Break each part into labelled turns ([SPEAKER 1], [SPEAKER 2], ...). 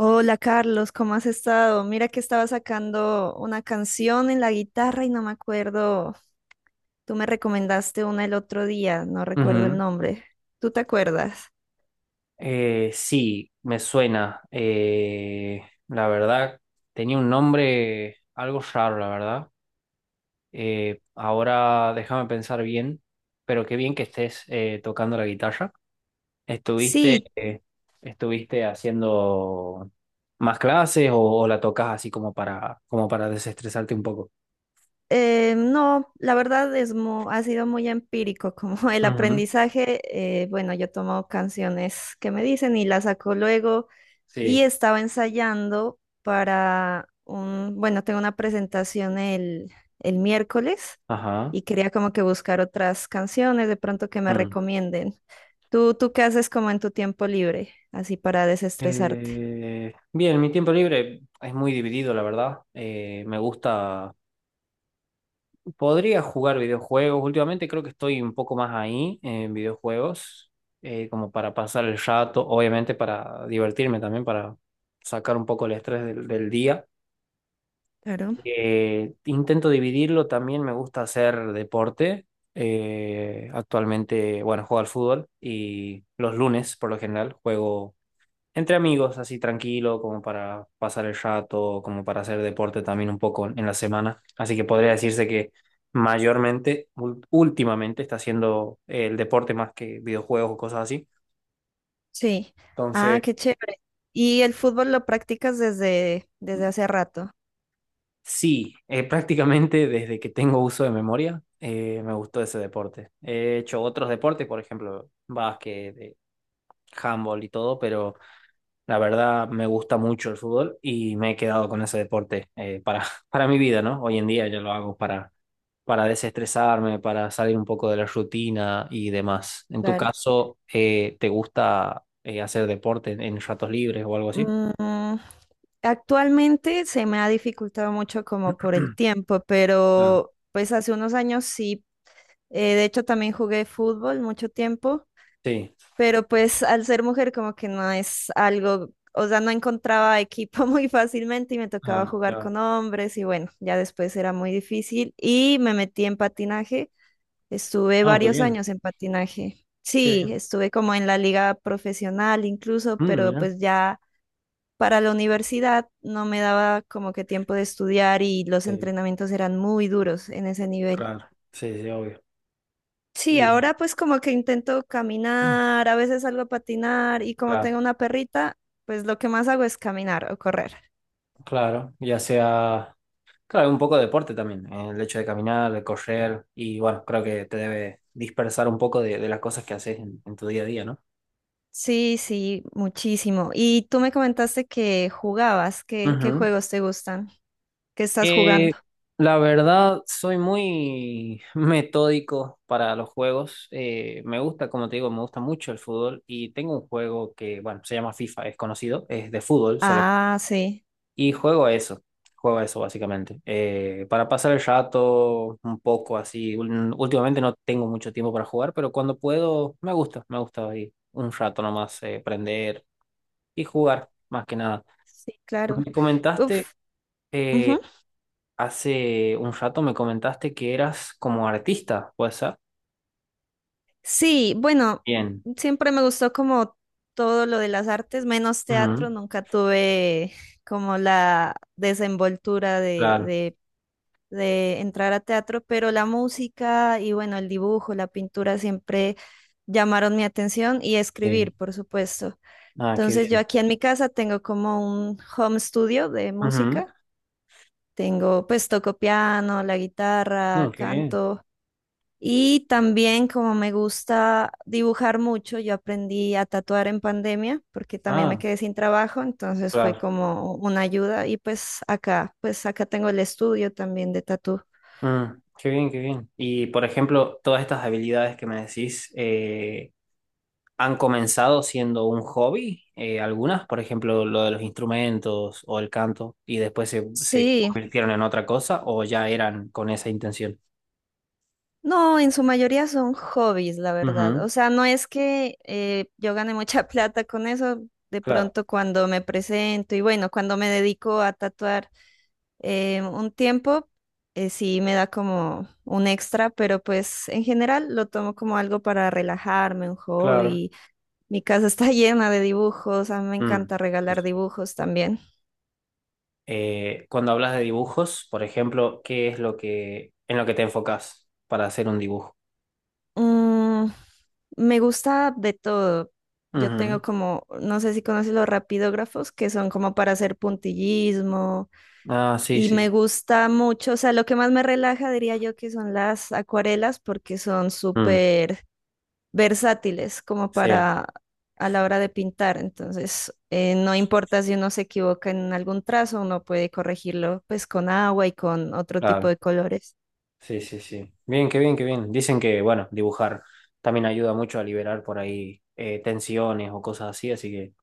[SPEAKER 1] Hola Carlos, ¿cómo has estado? Mira que estaba sacando una canción en la guitarra y no me acuerdo. Tú me recomendaste una el otro día, no recuerdo el
[SPEAKER 2] Ujú.
[SPEAKER 1] nombre. ¿Tú te acuerdas?
[SPEAKER 2] Sí, me suena. La verdad, tenía un nombre algo raro, la verdad. Ahora déjame pensar bien, pero qué bien que estés tocando la guitarra. ¿Estuviste,
[SPEAKER 1] Sí.
[SPEAKER 2] eh, estuviste haciendo más clases o la tocas así como como para desestresarte un poco?
[SPEAKER 1] No, la verdad es ha sido muy empírico como el
[SPEAKER 2] Ujú.
[SPEAKER 1] aprendizaje. Bueno, yo tomo canciones que me dicen y las saco luego y
[SPEAKER 2] Sí.
[SPEAKER 1] estaba ensayando para bueno, tengo una presentación el miércoles
[SPEAKER 2] Ajá.
[SPEAKER 1] y quería como que buscar otras canciones de pronto que me
[SPEAKER 2] Mm.
[SPEAKER 1] recomienden. ¿Tú qué haces como en tu tiempo libre, así para desestresarte?
[SPEAKER 2] Bien, mi tiempo libre es muy dividido, la verdad. Me gusta. Podría jugar videojuegos. Últimamente creo que estoy un poco más ahí en videojuegos, como para pasar el rato, obviamente para divertirme también, para sacar un poco el estrés del día.
[SPEAKER 1] Claro.
[SPEAKER 2] Intento dividirlo, también me gusta hacer deporte. Actualmente, bueno, juego al fútbol y los lunes por lo general juego entre amigos, así tranquilo, como para pasar el rato, como para hacer deporte también un poco en la semana. Así que podría decirse que mayormente, últimamente, está haciendo el deporte más que videojuegos o cosas así.
[SPEAKER 1] Sí. Ah,
[SPEAKER 2] Entonces,
[SPEAKER 1] qué chévere. ¿Y el fútbol lo practicas desde hace rato?
[SPEAKER 2] sí, prácticamente desde que tengo uso de memoria, me gustó ese deporte. He hecho otros deportes, por ejemplo, básquet, handball y todo, pero la verdad me gusta mucho el fútbol y me he quedado con ese deporte para, para mi vida, ¿no? Hoy en día yo lo hago para desestresarme, para salir un poco de la rutina y demás. En tu
[SPEAKER 1] Claro.
[SPEAKER 2] caso, ¿te gusta hacer deporte en ratos libres o algo así?
[SPEAKER 1] Mm, actualmente se me ha dificultado mucho como por el tiempo,
[SPEAKER 2] Claro.
[SPEAKER 1] pero pues hace unos años sí. De hecho, también jugué fútbol mucho tiempo,
[SPEAKER 2] Sí,
[SPEAKER 1] pero pues al ser mujer como que no es algo, o sea, no encontraba equipo muy fácilmente y me tocaba
[SPEAKER 2] ah,
[SPEAKER 1] jugar
[SPEAKER 2] claro.
[SPEAKER 1] con hombres y bueno, ya después era muy difícil y me metí en patinaje. Estuve
[SPEAKER 2] Ah, qué
[SPEAKER 1] varios
[SPEAKER 2] bien,
[SPEAKER 1] años en patinaje.
[SPEAKER 2] qué
[SPEAKER 1] Sí,
[SPEAKER 2] bien.
[SPEAKER 1] estuve como en la liga profesional incluso,
[SPEAKER 2] Mm,
[SPEAKER 1] pero
[SPEAKER 2] mira.
[SPEAKER 1] pues ya para la universidad no me daba como que tiempo de estudiar y los
[SPEAKER 2] Sí,
[SPEAKER 1] entrenamientos eran muy duros en ese nivel.
[SPEAKER 2] claro, sí, sí, obvio.
[SPEAKER 1] Sí,
[SPEAKER 2] Y
[SPEAKER 1] ahora pues como que intento caminar, a veces salgo a patinar y como
[SPEAKER 2] claro,
[SPEAKER 1] tengo una perrita, pues lo que más hago es caminar o correr.
[SPEAKER 2] claro, ya sea, claro, un poco de deporte también, el hecho de caminar, de correr, y bueno, creo que te debe dispersar un poco de las cosas que haces en tu día a día, ¿no?
[SPEAKER 1] Sí, sí, muchísimo. Y tú me comentaste que jugabas, ¿qué, qué
[SPEAKER 2] Ujú.
[SPEAKER 1] juegos te gustan? ¿Qué estás
[SPEAKER 2] Eh,
[SPEAKER 1] jugando?
[SPEAKER 2] la verdad, soy muy metódico para los juegos. Me gusta, como te digo, me gusta mucho el fútbol y tengo un juego que, bueno, se llama FIFA, es conocido, es de fútbol solo.
[SPEAKER 1] Ah, sí.
[SPEAKER 2] Y juego a eso básicamente. Para pasar el rato un poco así, últimamente no tengo mucho tiempo para jugar, pero cuando puedo, me gusta ahí un rato nomás, prender y jugar, más que nada.
[SPEAKER 1] Sí, claro.
[SPEAKER 2] Me comentaste...
[SPEAKER 1] Uf,
[SPEAKER 2] eh,
[SPEAKER 1] ujú.
[SPEAKER 2] Hace un rato me comentaste que eras como artista, ¿puede ser?
[SPEAKER 1] Sí, bueno,
[SPEAKER 2] Bien.
[SPEAKER 1] siempre me gustó como todo lo de las artes, menos
[SPEAKER 2] Ujú,
[SPEAKER 1] teatro, nunca tuve como la desenvoltura
[SPEAKER 2] claro.
[SPEAKER 1] de entrar a teatro, pero la música y bueno, el dibujo, la pintura siempre llamaron mi atención y escribir,
[SPEAKER 2] Sí.
[SPEAKER 1] por supuesto.
[SPEAKER 2] Ah, qué
[SPEAKER 1] Entonces yo
[SPEAKER 2] bien.
[SPEAKER 1] aquí en mi casa tengo como un home studio de
[SPEAKER 2] Ujú.
[SPEAKER 1] música, tengo pues toco piano, la guitarra,
[SPEAKER 2] No, qué bien.
[SPEAKER 1] canto. Y también como me gusta dibujar mucho, yo aprendí a tatuar en pandemia porque también me
[SPEAKER 2] Ah,
[SPEAKER 1] quedé sin trabajo, entonces fue
[SPEAKER 2] claro.
[SPEAKER 1] como una ayuda y pues acá tengo el estudio también de tatú.
[SPEAKER 2] Mm, qué bien, qué bien. Y por ejemplo, todas estas habilidades que me decís, ¿han comenzado siendo un hobby? Algunas, por ejemplo, lo de los instrumentos o el canto, y después se
[SPEAKER 1] Sí,
[SPEAKER 2] convirtieron en otra cosa o ya eran con esa intención.
[SPEAKER 1] no, en su mayoría son hobbies, la verdad.
[SPEAKER 2] Ujú,
[SPEAKER 1] O sea, no es que yo gane mucha plata con eso, de
[SPEAKER 2] claro,
[SPEAKER 1] pronto cuando me presento y bueno, cuando me dedico a tatuar. eh, un tiempo, sí me da como un extra, pero pues en general lo tomo como algo para relajarme, un
[SPEAKER 2] claro.
[SPEAKER 1] hobby. Mi casa está llena de dibujos, a mí me
[SPEAKER 2] Mm.
[SPEAKER 1] encanta
[SPEAKER 2] Sí,
[SPEAKER 1] regalar
[SPEAKER 2] sí.
[SPEAKER 1] dibujos también.
[SPEAKER 2] Cuando hablas de dibujos, por ejemplo, ¿qué es lo que en lo que te enfocas para hacer un dibujo?
[SPEAKER 1] Mm, me gusta de todo. Yo
[SPEAKER 2] Ujú.
[SPEAKER 1] tengo como, no sé si conoces los rapidógrafos, que son como para hacer puntillismo,
[SPEAKER 2] Ah, sí,
[SPEAKER 1] y
[SPEAKER 2] sí.
[SPEAKER 1] me gusta mucho, o sea, lo que más me relaja diría yo que son las acuarelas, porque son
[SPEAKER 2] Mm,
[SPEAKER 1] súper versátiles como
[SPEAKER 2] sí,
[SPEAKER 1] para a la hora de pintar. Entonces, no importa si uno se equivoca en algún trazo, uno puede corregirlo pues con agua y con otro tipo
[SPEAKER 2] claro.
[SPEAKER 1] de colores.
[SPEAKER 2] Sí, sí, sí. Bien, qué bien, qué bien. Dicen que, bueno, dibujar también ayuda mucho a liberar por ahí tensiones o cosas así, así que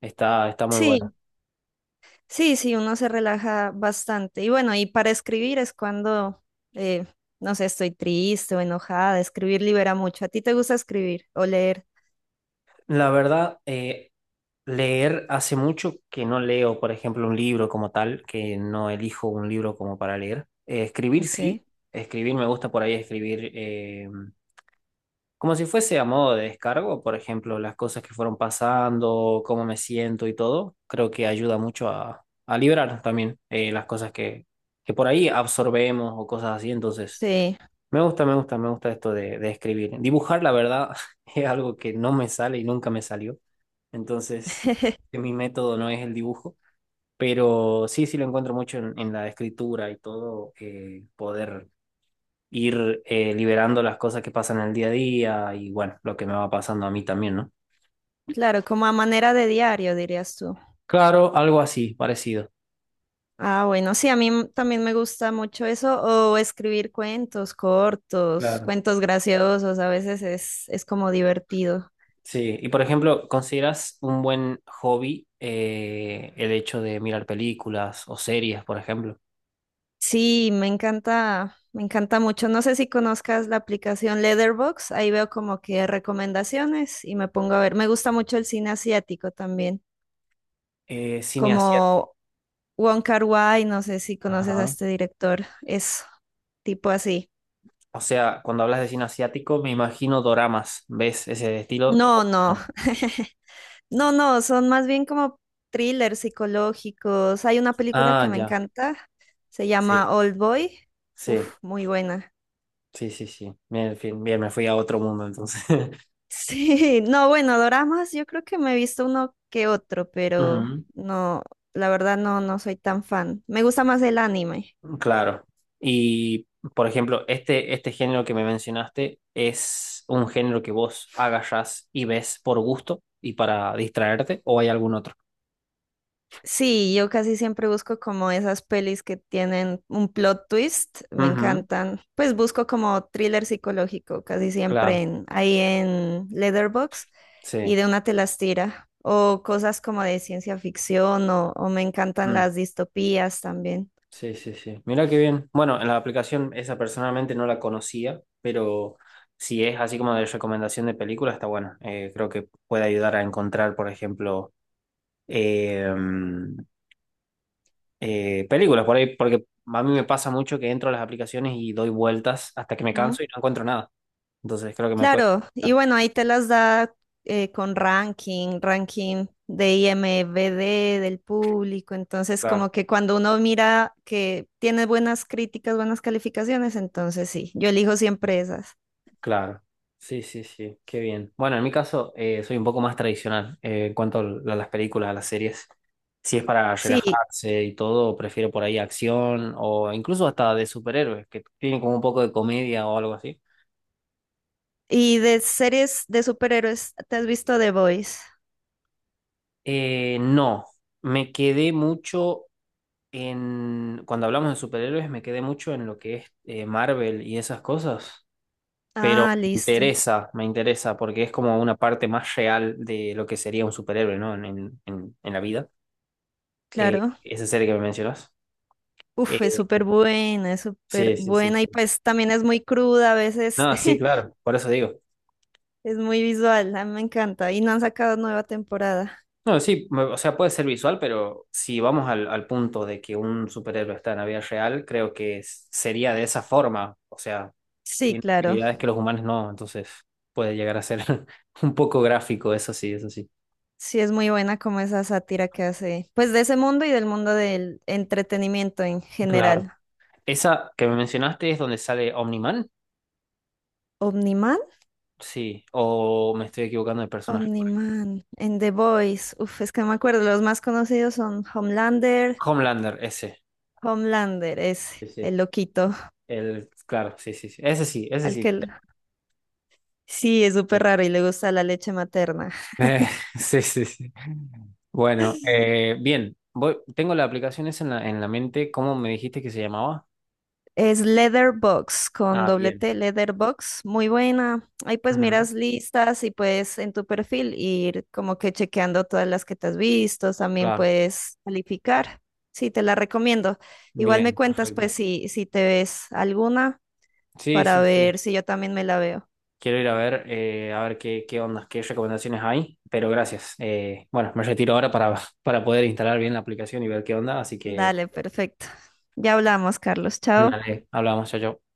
[SPEAKER 2] está, está muy bueno.
[SPEAKER 1] Sí, sí, sí, uno se relaja bastante. Y bueno, y para escribir es cuando, eh, no sé, estoy triste o enojada. Escribir libera mucho. ¿A ti te gusta escribir o leer?
[SPEAKER 2] La verdad, leer hace mucho que no leo, por ejemplo, un libro como tal, que no elijo un libro como para leer. Escribir sí,
[SPEAKER 1] Ok.
[SPEAKER 2] escribir me gusta por ahí escribir. Como si fuese a modo de descargo, por ejemplo, las cosas que fueron pasando, cómo me siento y todo, creo que ayuda mucho a liberar también las cosas que por ahí absorbemos o cosas así. Entonces,
[SPEAKER 1] Sí,
[SPEAKER 2] me gusta esto de escribir. Dibujar, la verdad, es algo que no me sale y nunca me salió. Entonces, que mi método no es el dibujo, pero sí, sí lo encuentro mucho en la escritura y todo, poder ir liberando las cosas que pasan en el día a día y bueno, lo que me va pasando a mí también, ¿no?
[SPEAKER 1] claro, como a manera de diario, dirías tú.
[SPEAKER 2] Claro, algo así, parecido.
[SPEAKER 1] Ah, bueno, sí, a mí también me gusta mucho eso, o escribir cuentos cortos,
[SPEAKER 2] Claro.
[SPEAKER 1] cuentos graciosos, a veces es como divertido.
[SPEAKER 2] Sí, y por ejemplo, ¿consideras un buen hobby el hecho de mirar películas o series, por ejemplo?
[SPEAKER 1] Sí, me encanta mucho. No sé si conozcas la aplicación Letterboxd, ahí veo como que recomendaciones y me pongo a ver. Me gusta mucho el cine asiático también,
[SPEAKER 2] Cine asiático.
[SPEAKER 1] como Wong Kar-wai, no sé si conoces a
[SPEAKER 2] Ajá.
[SPEAKER 1] este director, es tipo así.
[SPEAKER 2] O sea, cuando hablas de cine asiático, me imagino doramas. ¿Ves ese estilo?
[SPEAKER 1] No,
[SPEAKER 2] O
[SPEAKER 1] no.
[SPEAKER 2] no.
[SPEAKER 1] No, no, son más bien como thrillers psicológicos. Hay una película
[SPEAKER 2] Ah,
[SPEAKER 1] que me
[SPEAKER 2] ya.
[SPEAKER 1] encanta, se
[SPEAKER 2] Sí,
[SPEAKER 1] llama Old Boy. Uf,
[SPEAKER 2] sí,
[SPEAKER 1] muy buena.
[SPEAKER 2] sí, sí, sí. Bien, en fin, bien, me fui a otro mundo entonces.
[SPEAKER 1] Sí, no, bueno, doramas, yo creo que me he visto uno que otro, pero
[SPEAKER 2] Ujú.
[SPEAKER 1] no, la verdad no, no soy tan fan. Me gusta más el anime.
[SPEAKER 2] Claro. Y, por ejemplo, este género que me mencionaste es un género que vos agarrás y ves por gusto y para distraerte, o hay algún otro.
[SPEAKER 1] Sí, yo casi siempre busco como esas pelis que tienen un plot twist, me
[SPEAKER 2] Ujú,
[SPEAKER 1] encantan. Pues busco como thriller psicológico, casi siempre
[SPEAKER 2] claro,
[SPEAKER 1] ahí en Letterboxd y
[SPEAKER 2] sí.
[SPEAKER 1] de una te las tira. O cosas como de ciencia ficción o me encantan
[SPEAKER 2] Mm,
[SPEAKER 1] las distopías también.
[SPEAKER 2] sí, sí, sí. Mira qué bien. Bueno, en la aplicación esa personalmente no la conocía, pero si es así como de recomendación de película, está bueno. Creo que puede ayudar a encontrar, por ejemplo, eh, películas por ahí, porque a mí me pasa mucho que entro a las aplicaciones y doy vueltas hasta que me canso y no encuentro nada. Entonces creo que me puede...
[SPEAKER 1] Claro, y
[SPEAKER 2] afectar.
[SPEAKER 1] bueno, ahí te las da con ranking, ranking de IMDb del público, entonces
[SPEAKER 2] Claro,
[SPEAKER 1] como que cuando uno mira que tiene buenas críticas, buenas calificaciones, entonces sí, yo elijo siempre esas.
[SPEAKER 2] claro. Sí, sí, sí, qué bien. Bueno, en mi caso soy un poco más tradicional en cuanto a las películas, a las series. Si es para
[SPEAKER 1] Sí,
[SPEAKER 2] relajarse y todo, prefiero por ahí acción o incluso hasta de superhéroes, que tienen como un poco de comedia o algo así.
[SPEAKER 1] y de series de superhéroes, ¿te has visto The Boys?
[SPEAKER 2] No, me quedé mucho en, cuando hablamos de superhéroes me quedé mucho en lo que es Marvel y esas cosas, pero
[SPEAKER 1] Ah, listo,
[SPEAKER 2] me interesa porque es como una parte más real de lo que sería un superhéroe, ¿no? En la vida.
[SPEAKER 1] claro.
[SPEAKER 2] Esa serie que me mencionas. Eh,
[SPEAKER 1] Uf, es súper
[SPEAKER 2] sí, sí, sí.
[SPEAKER 1] buena y
[SPEAKER 2] Sí.
[SPEAKER 1] pues también es muy cruda, a veces
[SPEAKER 2] No, sí, claro, por eso digo.
[SPEAKER 1] es muy visual, a mí me encanta y no han sacado nueva temporada.
[SPEAKER 2] No, sí, o sea, puede ser visual, pero si vamos al punto de que un superhéroe está en la vida real, creo que sería de esa forma, o sea,
[SPEAKER 1] Sí,
[SPEAKER 2] tiene
[SPEAKER 1] claro.
[SPEAKER 2] habilidades que los humanos no, entonces puede llegar a ser un poco gráfico, eso sí, eso sí.
[SPEAKER 1] Sí, es muy buena como esa sátira que hace, pues de ese mundo y del mundo del entretenimiento en
[SPEAKER 2] Claro.
[SPEAKER 1] general.
[SPEAKER 2] Esa que me mencionaste es donde sale Omniman,
[SPEAKER 1] ¿Omniman?
[SPEAKER 2] sí, o me estoy equivocando de personaje.
[SPEAKER 1] Omniman. En The Voice, uf, es que no me acuerdo. Los más conocidos son Homelander.
[SPEAKER 2] Homelander, ese.
[SPEAKER 1] Homelander es
[SPEAKER 2] Sí, sí.
[SPEAKER 1] el loquito
[SPEAKER 2] El, claro, sí, sí, sí. Ese sí, ese
[SPEAKER 1] al
[SPEAKER 2] sí.
[SPEAKER 1] que... Sí, es súper
[SPEAKER 2] Bien.
[SPEAKER 1] raro y le gusta la leche materna.
[SPEAKER 2] Eh, sí, sí, sí. Bueno, bien. Voy, tengo la aplicación esa en la mente. ¿Cómo me dijiste que se llamaba?
[SPEAKER 1] Es Leatherbox con
[SPEAKER 2] Ah,
[SPEAKER 1] doble
[SPEAKER 2] bien.
[SPEAKER 1] T, Leatherbox, muy buena. Ahí pues
[SPEAKER 2] Ujú,
[SPEAKER 1] miras listas y puedes en tu perfil ir como que chequeando todas las que te has visto, también
[SPEAKER 2] claro,
[SPEAKER 1] puedes calificar. Sí, te la recomiendo. Igual me
[SPEAKER 2] bien,
[SPEAKER 1] cuentas pues
[SPEAKER 2] perfecto.
[SPEAKER 1] si te ves alguna
[SPEAKER 2] Sí,
[SPEAKER 1] para
[SPEAKER 2] sí, sí.
[SPEAKER 1] ver si yo también me la veo.
[SPEAKER 2] Quiero ir a ver qué, qué ondas, qué recomendaciones hay, pero gracias. Bueno, me retiro ahora para, para poder instalar bien la aplicación y ver qué onda, así que
[SPEAKER 1] Dale, perfecto. Ya hablamos, Carlos. Chao.
[SPEAKER 2] dale, hablamos, chao, chao.